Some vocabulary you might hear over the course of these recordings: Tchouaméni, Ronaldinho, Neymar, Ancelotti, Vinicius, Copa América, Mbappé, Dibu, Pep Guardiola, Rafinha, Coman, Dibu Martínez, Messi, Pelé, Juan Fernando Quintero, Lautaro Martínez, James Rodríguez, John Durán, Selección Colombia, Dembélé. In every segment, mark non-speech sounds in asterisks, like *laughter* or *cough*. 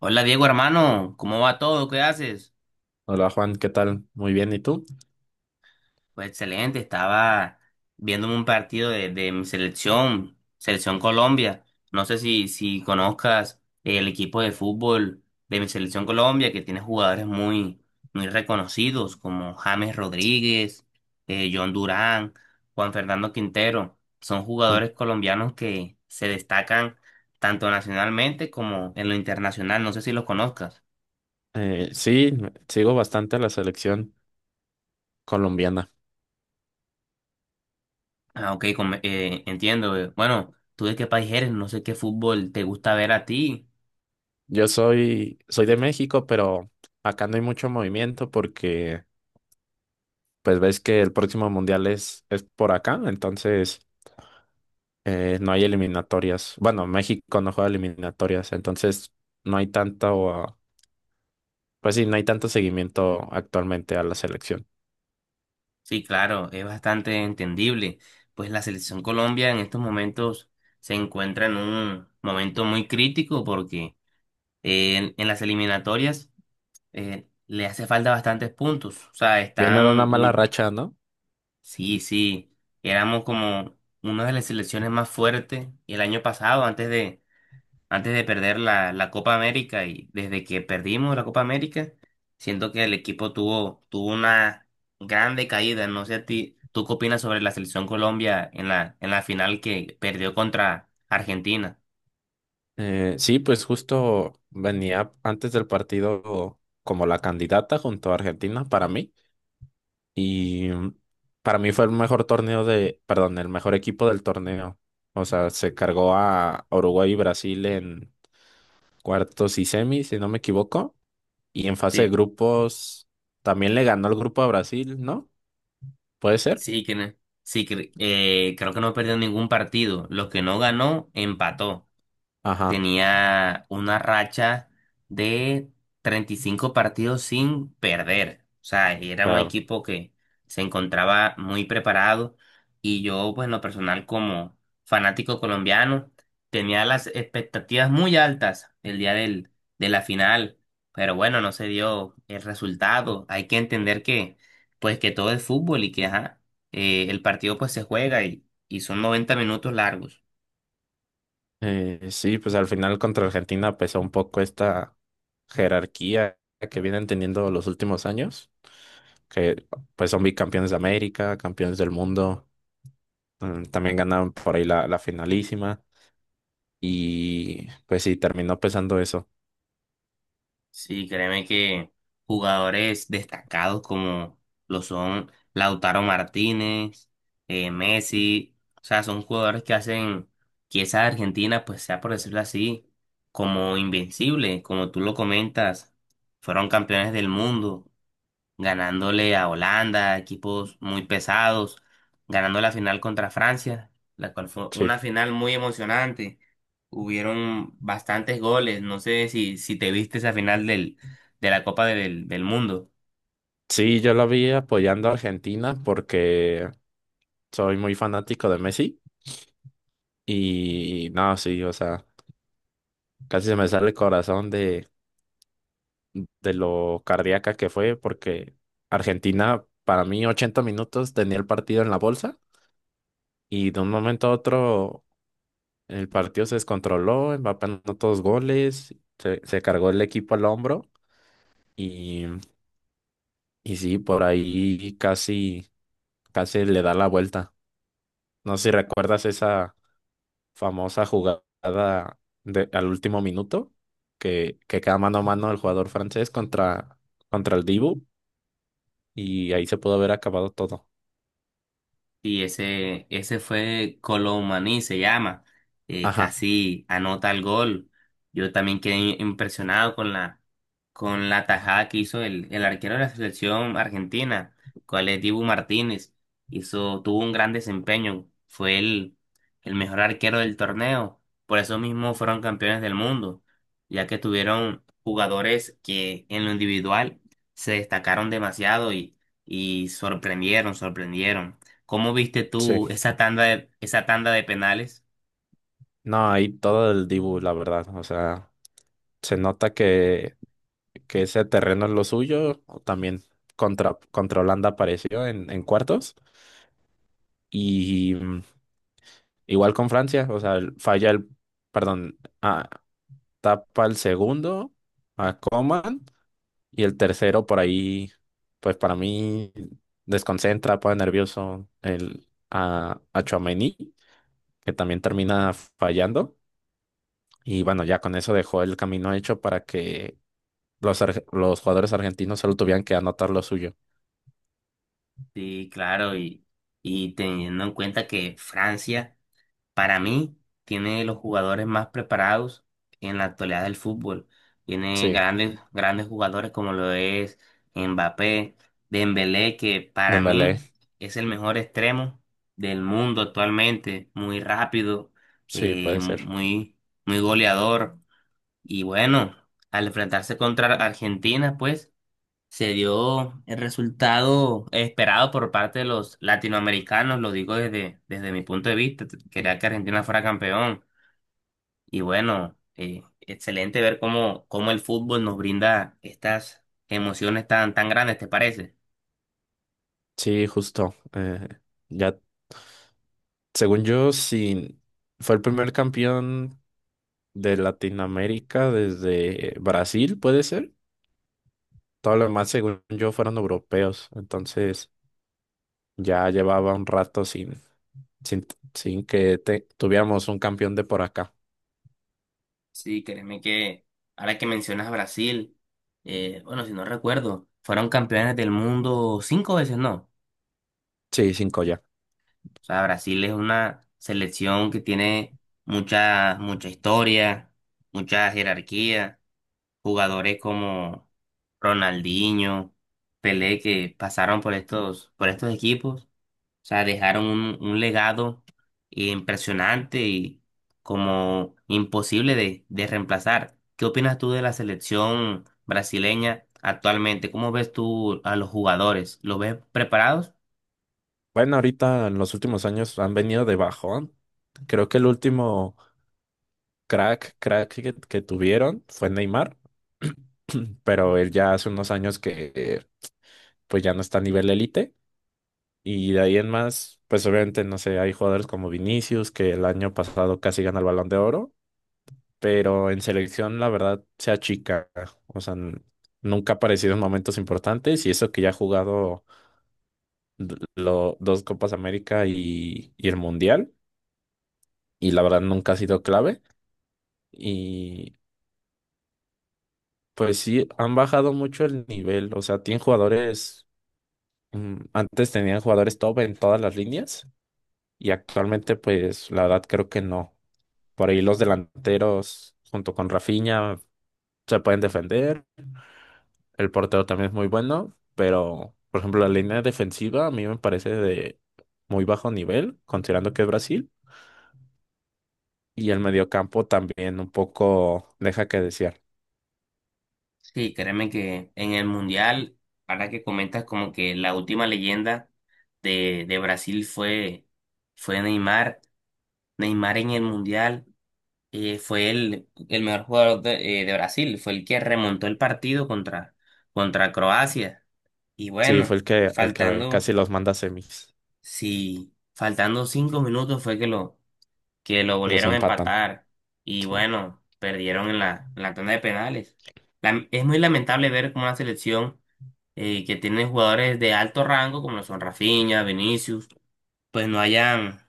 Hola Diego, hermano, ¿cómo va todo? ¿Qué haces? Hola Juan, ¿qué tal? Muy bien, ¿y tú? Pues excelente, estaba viéndome un partido de mi selección, Selección Colombia. No sé si conozcas el equipo de fútbol de mi Selección Colombia, que tiene jugadores muy, muy reconocidos como James Rodríguez, John Durán, Juan Fernando Quintero. Son Mm. jugadores colombianos que se destacan tanto nacionalmente como en lo internacional. No sé si los conozcas. Sí, sigo bastante a la selección colombiana. Ah, ok, entiendo. Bueno, ¿tú de qué país eres? No sé qué fútbol te gusta ver a ti. Yo soy de México, pero acá no hay mucho movimiento porque pues ves que el próximo mundial es por acá, entonces no hay eliminatorias. Bueno, México no juega eliminatorias, entonces no hay tanto, ah, pues sí, no hay tanto seguimiento actualmente a la selección. Sí, claro, es bastante entendible. Pues la selección Colombia en estos momentos se encuentra en un momento muy crítico porque en las eliminatorias le hace falta bastantes puntos. O sea, Viene de una están. mala racha, ¿no? Sí, sí, éramos como una de las selecciones más fuertes el año pasado antes de perder la Copa América y desde que perdimos la Copa América, siento que el equipo tuvo una grande caída. No sé a ti, ¿tú qué opinas sobre la selección Colombia en la final que perdió contra Argentina? Sí, pues justo venía antes del partido como la candidata junto a Argentina para mí y para mí fue el mejor torneo perdón, el mejor equipo del torneo. O sea, se cargó a Uruguay y Brasil en cuartos y semis, si no me equivoco, y en fase de Sí, grupos también le ganó el grupo a Brasil, ¿no? ¿Puede ser? sí, que, no- sí, creo que no perdió ningún partido. Los que no ganó, empató. Ajá. Tenía una racha de 35 partidos sin perder. O sea, era un Claro. equipo que se encontraba muy preparado y yo, pues en lo personal, como fanático colombiano, tenía las expectativas muy altas el día de la final, pero bueno, no se dio el resultado. Hay que entender que, pues que todo es fútbol y que, ajá, el partido pues se juega y son 90 minutos largos. Sí, pues al final contra Argentina pesó un poco esta jerarquía que vienen teniendo los últimos años, que pues son bicampeones de América, campeones del mundo, también ganaron por ahí la finalísima y pues sí, terminó pesando eso. Sí, créeme que jugadores destacados como lo son Lautaro Martínez, Messi, o sea, son jugadores que hacen que esa Argentina, pues sea por decirlo así, como invencible, como tú lo comentas, fueron campeones del mundo, ganándole a Holanda, equipos muy pesados, ganando la final contra Francia, la cual fue Sí. una final muy emocionante. Hubieron bastantes goles, no sé si te viste esa final de la Copa del Mundo. Sí, yo lo vi apoyando a Argentina porque soy muy fanático de Messi y no, sí, o sea, casi se me sale el corazón de lo cardíaca que fue, porque Argentina, para mí, 80 minutos tenía el partido en la bolsa y de un momento a otro el partido se descontroló, Mbappé anotó dos goles, se cargó el equipo al hombro y, y sí, por ahí casi, casi le da la vuelta. No sé si recuerdas esa famosa jugada al último minuto que queda mano a mano el jugador francés contra el Dibu y ahí se pudo haber acabado todo. Y ese fue Colomani, se llama. Ajá. Casi anota el gol. Yo también quedé impresionado con la tajada que hizo el arquero de la selección argentina, cual es Dibu Martínez. Tuvo un gran desempeño. Fue el mejor arquero del torneo. Por eso mismo fueron campeones del mundo, ya que tuvieron jugadores que en lo individual se destacaron demasiado y sorprendieron, sorprendieron. ¿Cómo viste tú Sí, esa tanda de penales? no, ahí todo el Dibu, la verdad. O sea, se nota que ese terreno es lo suyo. También contra Holanda apareció en cuartos. Y igual con Francia, o sea, falla el, perdón, ah, tapa el segundo a Coman y el tercero por ahí, pues para mí desconcentra, pone nervioso a Tchouaméni, que también termina fallando. Y bueno, ya con eso dejó el camino hecho para que los jugadores argentinos solo tuvieran que anotar lo suyo. Sí, claro, y teniendo en cuenta que Francia, para mí, tiene los jugadores más preparados en la actualidad del fútbol. Tiene Sí, grandes, grandes jugadores como lo es Mbappé, Dembélé, que para Dembélé, mí es el mejor extremo del mundo actualmente, muy rápido, sí, puede ser. muy, muy goleador. Y bueno, al enfrentarse contra Argentina, pues se dio el resultado esperado por parte de los latinoamericanos, lo digo desde mi punto de vista, quería que Argentina fuera campeón y bueno, excelente ver cómo el fútbol nos brinda estas emociones tan, tan grandes, ¿te parece? Sí, justo. Ya, según yo, sí, fue el primer campeón de Latinoamérica desde Brasil, puede ser. Todo lo demás, según yo, fueron europeos. Entonces, ya llevaba un rato sin, sin, tuviéramos un campeón de por acá. Sí, créeme que ahora que mencionas a Brasil, bueno, si no recuerdo, fueron campeones del mundo cinco veces, ¿no? Sí, cinco ya. O sea, Brasil es una selección que tiene mucha, mucha historia, mucha jerarquía. Jugadores como Ronaldinho, Pelé, que pasaron por estos equipos, o sea, dejaron un legado impresionante y como imposible de reemplazar. ¿Qué opinas tú de la selección brasileña actualmente? ¿Cómo ves tú a los jugadores? ¿Los ves preparados? Bueno, ahorita en los últimos años han venido de bajón. Creo que el último crack que tuvieron fue Neymar, *clears throat* pero él ya hace unos años que pues ya no está a nivel élite. Y de ahí en más, pues obviamente, no sé, hay jugadores como Vinicius, que el año pasado casi gana el Balón de Oro, pero en selección la verdad se achica. O sea, nunca ha aparecido en momentos importantes y eso que ya ha jugado dos Copas América y el Mundial. Y la verdad nunca ha sido clave. Y pues sí, han bajado mucho el nivel. O sea, tienen jugadores, antes tenían jugadores top en todas las líneas y actualmente pues la verdad creo que no. Por ahí los delanteros junto con Rafinha se pueden defender. El portero también es muy bueno, pero por ejemplo la línea defensiva a mí me parece de muy bajo nivel, considerando que es Brasil. Y el mediocampo también un poco deja que desear. Sí, créeme que en el Mundial, ahora que comentas como que la última leyenda de Brasil fue Neymar en el Mundial, fue el mejor jugador de Brasil, fue el que remontó el partido contra Croacia. Y Sí, bueno, fue el que, casi faltando, los manda a semis. sí, faltando 5 minutos fue que que lo Los volvieron a empatan. empatar. Y Sí. bueno, perdieron en la tanda de penales. Es muy lamentable ver cómo una selección que tiene jugadores de alto rango, como lo son Rafinha, Vinicius, pues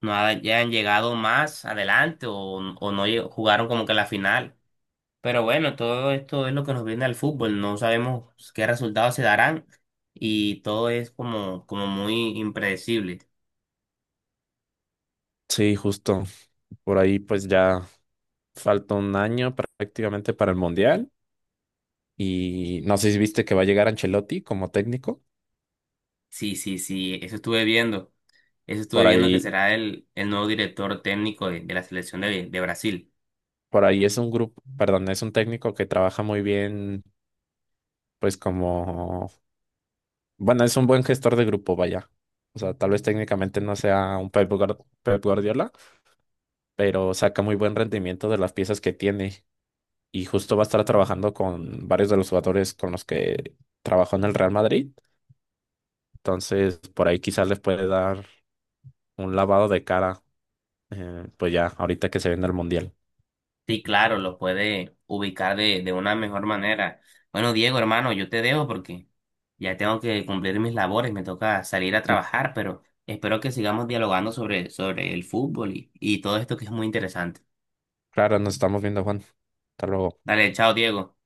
no hayan llegado más adelante o no lle- jugaron como que la final. Pero bueno, todo esto es lo que nos viene al fútbol, no sabemos qué resultados se darán y todo es como muy impredecible. Sí, justo. Por ahí pues ya falta un año prácticamente para el Mundial. Y no sé si viste que va a llegar Ancelotti como técnico. Sí, sí, sí, eso estuve viendo, Por que ahí, será el nuevo director técnico de la selección de Brasil. por ahí, es un grupo, perdón, es un técnico que trabaja muy bien, pues como, bueno, es un buen gestor de grupo, vaya. O sea, tal vez técnicamente no sea un Pep Guardiola, pero saca muy buen rendimiento de las piezas que tiene. Y justo va a estar trabajando con varios de los jugadores con los que trabajó en el Real Madrid. Entonces, por ahí quizás les puede dar un lavado de cara, pues ya, ahorita que se viene el Mundial. Sí, claro, lo puede ubicar de una mejor manera. Bueno, Diego, hermano, yo te dejo porque ya tengo que cumplir mis labores, me toca salir a *laughs* trabajar, pero espero que sigamos dialogando sobre el fútbol y todo esto que es muy interesante. Claro, nos estamos viendo, Juan. Hasta luego. Dale, chao, Diego.